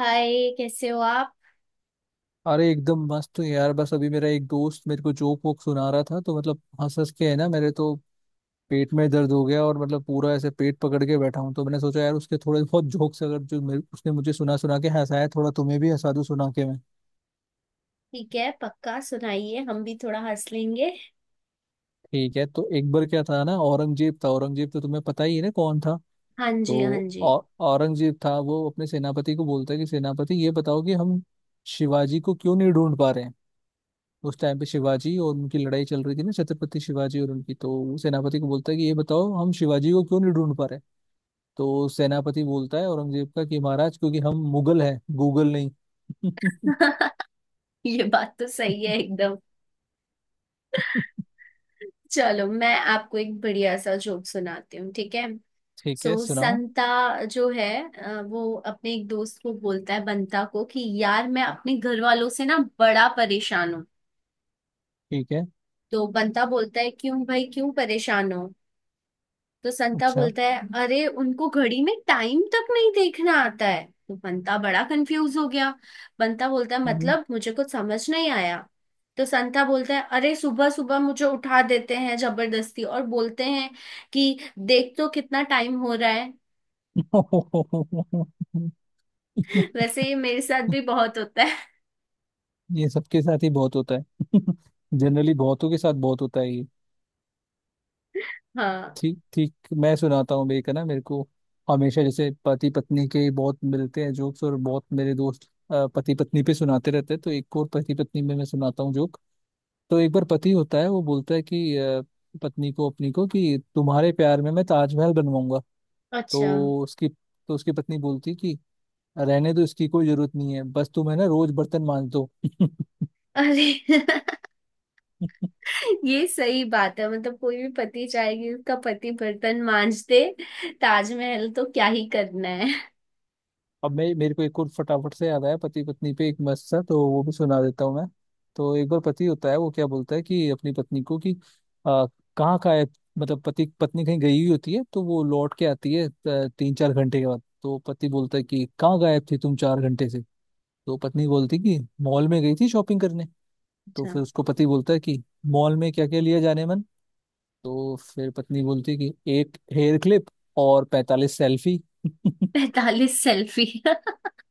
हाय, कैसे हो आप। अरे एकदम मस्त हूँ यार। बस अभी मेरा एक दोस्त मेरे को जोक वोक सुना रहा था तो मतलब हंस हंस के है ना मेरे तो पेट में दर्द हो गया। और मतलब पूरा ऐसे पेट पकड़ के बैठा हूँ तो मैंने सोचा यार उसके थोड़े बहुत जोक्स अगर जो मेरे उसने मुझे सुना सुना के हंसाया थोड़ा तुम्हें भी हंसा दूँ सुना के मैं। ठीक है, पक्का सुनाइए, हम भी थोड़ा हंस लेंगे। ठीक है तो एक बार क्या था ना। औरंगजेब था। औरंगजेब तो तुम्हें पता ही है ना कौन था। हाँ जी, हाँ तो जी। औरंगजेब था। वो अपने सेनापति को बोलता है कि सेनापति ये बताओ कि हम शिवाजी को क्यों नहीं ढूंढ पा रहे हैं। उस टाइम पे शिवाजी और उनकी लड़ाई चल रही थी ना। छत्रपति शिवाजी और उनकी। तो वो सेनापति को बोलता है कि ये बताओ हम शिवाजी को क्यों नहीं ढूंढ पा रहे। तो सेनापति बोलता है औरंगजेब का कि महाराज क्योंकि हम मुगल हैं गूगल नहीं। ये बात तो सही है एकदम। चलो मैं आपको एक बढ़िया सा जोक सुनाती हूँ, ठीक है। ठीक है सो सुनाओ। संता जो है, वो अपने एक दोस्त को बोलता है बंता को कि यार मैं अपने घर वालों से ना बड़ा परेशान हूँ। ठीक है। तो बंता बोलता है क्यों भाई, क्यों परेशान हो। तो संता अच्छा। बोलता है अरे उनको घड़ी में टाइम तक नहीं देखना आता है, तो बंता बड़ा कंफ्यूज हो गया। बंता बोलता है हम्म। मतलब मुझे कुछ समझ नहीं आया। तो संता बोलता है अरे सुबह सुबह मुझे उठा देते हैं जबरदस्ती और बोलते हैं कि देख तो कितना टाइम हो रहा है। वैसे ये मेरे साथ भी बहुत होता है। ये सबके साथ ही बहुत होता है। जनरली बहुतों के साथ बहुत होता है। हाँ। ठीक ठीक। मैं सुनाता हूँ एक है ना मेरे को। हमेशा जैसे पति पत्नी के बहुत मिलते हैं जोक्स। और बहुत मेरे दोस्त पति पत्नी पे सुनाते रहते हैं तो एक और पति पत्नी में मैं सुनाता हूँ जोक। तो एक बार पति होता है वो बोलता है कि पत्नी को अपनी को कि तुम्हारे प्यार में मैं ताजमहल बनवाऊंगा। तो अच्छा। उसकी पत्नी बोलती है कि रहने दो इसकी कोई जरूरत नहीं है। बस तुम है ना रोज बर्तन मांज दो। अरे ये सही बात है, मतलब कोई भी पति चाहेगी उसका पति बर्तन मांज दे। ताजमहल तो क्या ही करना है। अब मैं मेरे को एक और फटाफट से याद आया पति पत्नी पे एक मस्त सा तो वो भी सुना देता हूँ मैं। तो एक बार पति होता है वो क्या बोलता है कि अपनी पत्नी को कि आ, कहाँ का है। मतलब पति पत्नी कहीं गई हुई होती है तो वो लौट के आती है 3 4 घंटे के बाद। तो पति बोलता है कि कहाँ गायब थी तुम 4 घंटे से। तो पत्नी बोलती कि मॉल में गई थी शॉपिंग करने। तो अच्छा। फिर उसको पति बोलता है कि मॉल में क्या क्या लिया जाने मन। तो फिर पत्नी बोलती है कि एक हेयर क्लिप और 45 सेल्फी। 45 सेल्फी।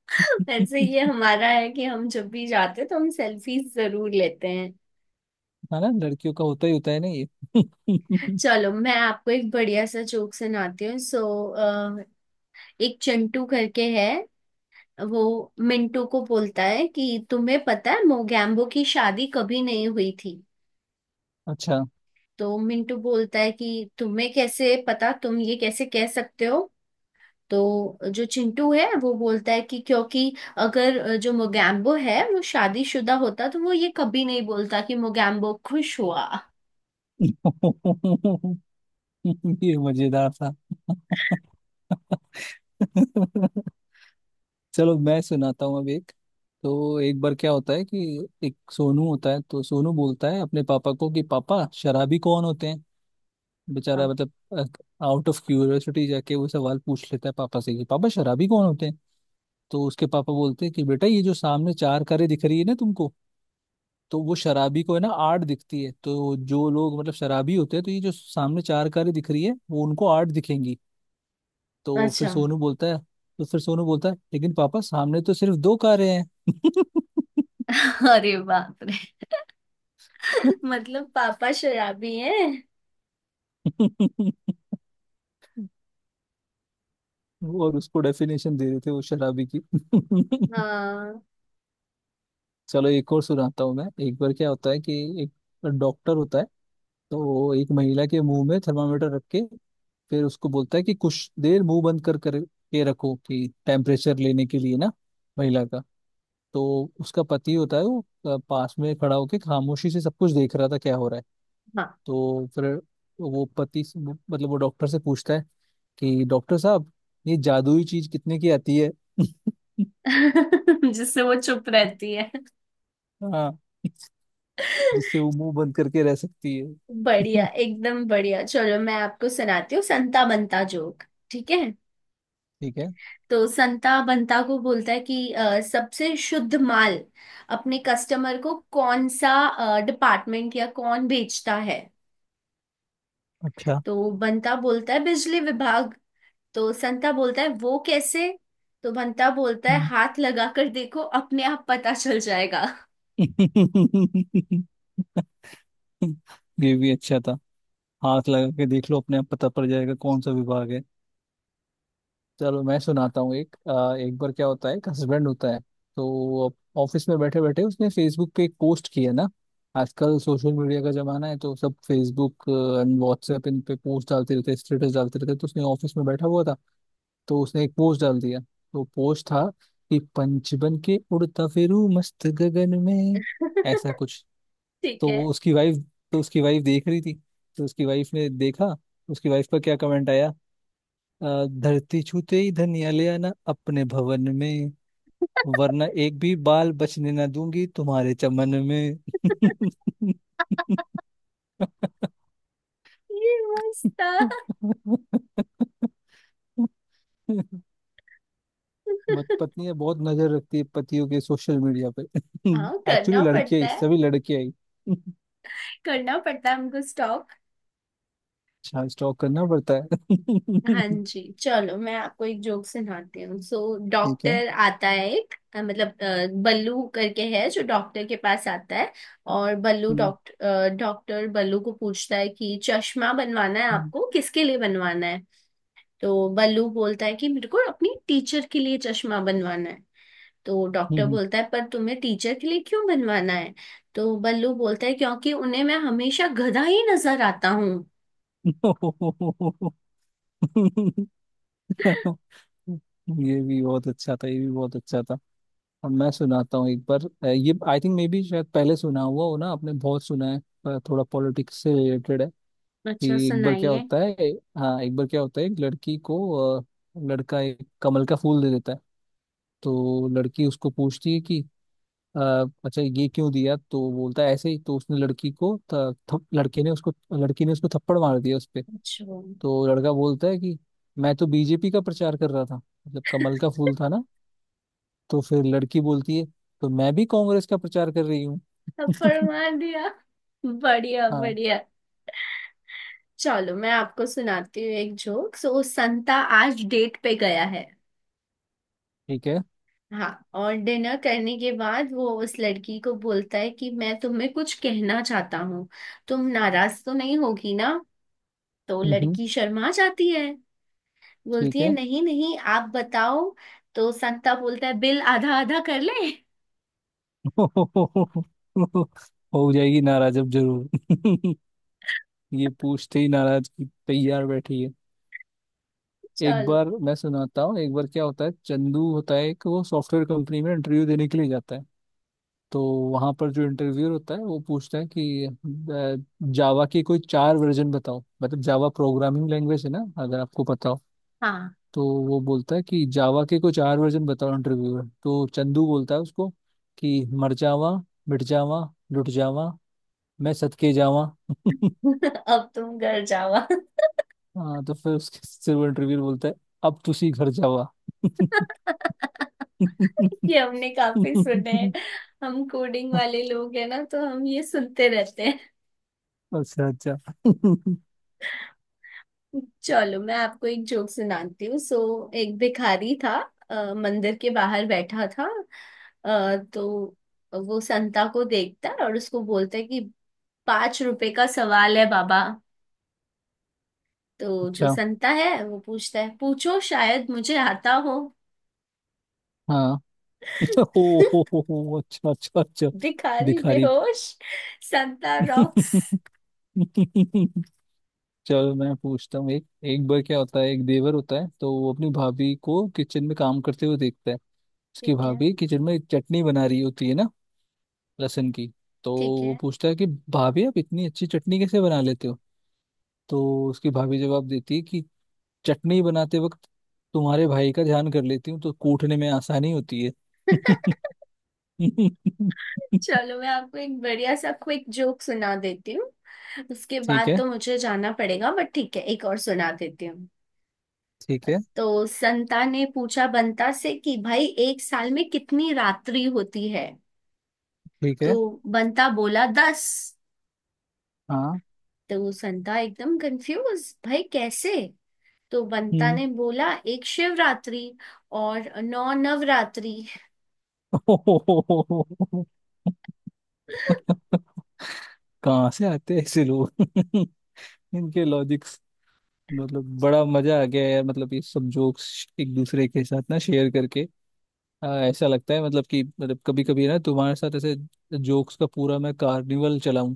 वैसे ये हमारा है कि हम जब भी जाते हैं तो हम सेल्फी जरूर लेते हैं। है ना लड़कियों का होता ही होता है ना ये। चलो मैं आपको एक बढ़िया सा जोक सुनाती हूँ। सो एक चिंटू करके है, वो मिंटू को बोलता है कि तुम्हें पता है मोगैम्बो की शादी कभी नहीं हुई थी। अच्छा। तो मिंटू बोलता है कि तुम्हें कैसे पता, तुम ये कैसे कह सकते हो। तो जो चिंटू है वो बोलता है कि क्योंकि अगर जो मोगैम्बो है वो शादीशुदा होता तो वो ये कभी नहीं बोलता कि मोगैम्बो खुश हुआ। ये मजेदार था। चलो मैं सुनाता हूँ अब एक। तो एक बार क्या होता है कि एक सोनू होता है तो सोनू बोलता है अपने पापा को कि पापा शराबी कौन होते हैं। बेचारा हाँ, मतलब आउट ऑफ क्यूरियोसिटी जाके वो सवाल पूछ लेता है पापा से कि पापा शराबी कौन होते हैं। तो उसके पापा बोलते हैं कि बेटा ये जो सामने चार कारें दिख रही है ना तुमको तो वो शराबी को है ना आड़ दिखती है। तो जो लोग मतलब शराबी होते हैं तो ये जो सामने चार कारें दिख रही है वो उनको आड़ दिखेंगी। तो फिर अच्छा। सोनू बोलता है तो फिर सोनू बोलता है लेकिन पापा सामने तो सिर्फ दो कारें हैं। अरे बाप रे। मतलब पापा शराबी है। और उसको डेफिनेशन दे रहे थे वो शराबी की। हाँ। चलो एक और सुनाता हूँ मैं। एक बार क्या होता है कि एक डॉक्टर होता है तो वो एक महिला के मुंह में थर्मामीटर रख के फिर उसको बोलता है कि कुछ देर मुंह बंद कर कर के रखो कि टेम्परेचर लेने के लिए ना। महिला का। तो उसका पति होता है वो पास में खड़ा होके खामोशी से सब कुछ देख रहा था क्या हो रहा है। हाँ। तो फिर वो पति से- वो- मतलब वो डॉक्टर से पूछता है कि डॉक्टर साहब ये जादुई चीज कितने की आती है। जिससे वो चुप रहती है। हाँ। जिससे वो मुंह बंद करके रह सकती बढ़िया, है। एकदम बढ़िया। चलो मैं आपको सुनाती हूँ संता बनता जोक, ठीक है। ठीक है। तो संता बंता को बोलता है कि सबसे शुद्ध माल अपने कस्टमर को कौन सा डिपार्टमेंट या कौन बेचता है। अच्छा। तो बंता बोलता है बिजली विभाग। तो संता बोलता है वो कैसे। तो बंता बोलता है हम्म। हाथ लगा कर देखो अपने आप पता चल जाएगा। ये भी अच्छा था। हाथ लगा के देख लो अपने आप पता पड़ जाएगा कौन सा विभाग है। चलो मैं सुनाता हूँ एक एक बार क्या होता है एक हस्बैंड होता है। तो ऑफिस में बैठे बैठे उसने फेसबुक पे एक पोस्ट किया ना। आजकल सोशल मीडिया का जमाना है तो सब फेसबुक एंड व्हाट्सएप इन पे पोस्ट डालते रहते स्टेटस डालते रहते। तो उसने ऑफिस में बैठा हुआ था तो उसने एक पोस्ट डाल दिया। तो पोस्ट था कि पंच बन के उड़ता फिरू मस्त गगन में ऐसा कुछ। ठीक तो है, वो उसकी वाइफ तो उसकी वाइफ देख रही थी। तो उसकी वाइफ ने देखा। उसकी वाइफ का क्या कमेंट आया। धरती छूते ही धनिया ले आना अपने भवन में। वरना एक भी बाल बचने ना दूंगी तुम्हारे चमन में। ये मस्त था। बट पत्नी बहुत नजर रखती है पतियों के सोशल मीडिया पे। हाँ, एक्चुअली करना लड़कियां पड़ता ही है। सभी लड़कियां ही। करना पड़ता है हमको स्टॉक। अच्छा स्टॉक करना पड़ता है। हाँ जी, चलो मैं आपको एक जोक सुनाती हूँ। सो ठीक है। डॉक्टर आता है एक, मतलब बल्लू करके है जो डॉक्टर के पास आता है। और बल्लू हम्म, डॉक्टर डॉक्टर बल्लू को पूछता है कि चश्मा बनवाना है हम्म, आपको, किसके लिए बनवाना है। तो बल्लू बोलता है कि मेरे को अपनी टीचर के लिए चश्मा बनवाना है। तो डॉक्टर हम्म। बोलता है पर तुम्हें टीचर के लिए क्यों बनवाना है। तो बल्लू बोलता है क्योंकि उन्हें मैं हमेशा गधा ही नजर आता हूँ। ये भी बहुत अच्छा था। ये भी बहुत अच्छा था। अब मैं सुनाता हूँ एक बार ये आई थिंक मे बी शायद पहले सुना हुआ हो ना आपने। बहुत सुना है पर थोड़ा पॉलिटिक्स से रिलेटेड है अच्छा, कि एक बार क्या सुनाइए। होता है। हाँ एक बार क्या होता है एक लड़की को अ, लड़का एक कमल का फूल दे देता है। तो लड़की उसको पूछती है कि "अ, अच्छा ये क्यों दिया। तो बोलता है ऐसे ही। तो उसने लड़की को थ, थप, लड़के ने उसको लड़की ने उसको थप्पड़ मार दिया उस पे। अच्छा। तो लड़का बोलता है कि मैं तो बीजेपी का प्रचार कर रहा था मतलब कमल का फूल था ना। तो फिर लड़की बोलती है तो मैं भी कांग्रेस का प्रचार कर रही हूँ। थप्पड़ मार दिया। बढ़िया, हाँ। बढ़िया। चलो मैं आपको सुनाती हूँ एक जोक। सो संता आज डेट पे गया है। ठीक है। हाँ। और डिनर करने के बाद वो उस लड़की को बोलता है कि मैं तुम्हें कुछ कहना चाहता हूँ, तुम नाराज तो नहीं होगी ना। तो हम्म। लड़की शर्मा जाती है, बोलती ठीक है है। नहीं नहीं आप बताओ। तो संता बोलता है बिल आधा आधा कर ले। हो जाएगी नाराज अब जरूर। ये पूछते ही नाराज की तैयार बैठी है। एक चलो। बार मैं सुनाता हूँ। एक बार क्या होता है चंदू होता है कि वो सॉफ्टवेयर कंपनी में इंटरव्यू देने के लिए जाता है। तो वहां पर जो इंटरव्यूअर होता है वो पूछता है कि जावा के कोई चार वर्जन बताओ। मतलब जावा प्रोग्रामिंग लैंग्वेज है ना अगर आपको पता हो। हाँ। तो वो बोलता है कि जावा के कोई चार वर्जन बताओ इंटरव्यूअर। तो चंदू बोलता है उसको कि मर जावा, मिट जावा, लुट जावा, मैं सदके जावा। अब तुम घर जाओ। हाँ तो फिर उसके सिर वो इंटरव्यू बोलता है अब तुसी घर जावा। ये हमने काफी सुने हैं। हम कोडिंग वाले लोग हैं ना तो हम ये सुनते रहते हैं। अच्छा अच्छा। चलो मैं आपको एक जोक सुनाती हूँ। सो एक भिखारी था, मंदिर के बाहर बैठा था। तो वो संता को देखता है और उसको बोलता है कि 5 रुपए का सवाल है बाबा। तो जो अच्छा। संता है वो पूछता है पूछो शायद मुझे आता हो। हाँ। हो हो, अच्छा अच्छा अच्छा। भिखारी भिखारी। बेहोश। संता रॉक्स। चलो मैं पूछता हूँ एक। एक बार क्या होता है एक देवर होता है तो वो अपनी भाभी को किचन में काम करते हुए देखता है। उसकी ठीक है। भाभी किचन में चटनी बना रही होती है ना लहसुन की। तो ठीक वो है। पूछता है कि भाभी आप इतनी अच्छी चटनी कैसे बना लेते हो। तो उसकी भाभी जवाब देती है कि चटनी बनाते वक्त तुम्हारे भाई का ध्यान कर लेती हूँ तो कूटने में आसानी होती है। चलो मैं आपको एक बढ़िया सा क्विक जोक सुना देती हूँ। उसके ठीक बाद है। तो मुझे जाना पड़ेगा, बट ठीक है एक और सुना देती हूँ। ठीक है। तो संता ने पूछा बंता से कि भाई एक साल में कितनी रात्रि होती है। ठीक है। तो बंता बोला 10। हाँ। तो संता एकदम कंफ्यूज, भाई कैसे। तो बंता हम्म। ने बोला एक शिवरात्रि और नौ नवरात्रि। कहाँ से आते हैं ऐसे लोग। इनके लॉजिक्स। मतलब बड़ा मजा आ गया यार मतलब ये सब जोक्स एक दूसरे के साथ ना शेयर करके। हाँ ऐसा लगता है मतलब कि मतलब कभी कभी ना तुम्हारे साथ ऐसे जोक्स का पूरा मैं कार्निवल चलाऊं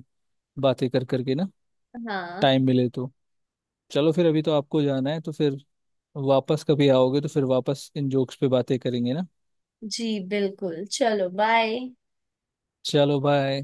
बातें कर करके ना। हाँ टाइम मिले तो। चलो फिर अभी तो आपको जाना है तो फिर वापस कभी आओगे तो फिर वापस इन जोक्स पे बातें करेंगे ना। जी, बिल्कुल, चलो बाय। चलो बाय।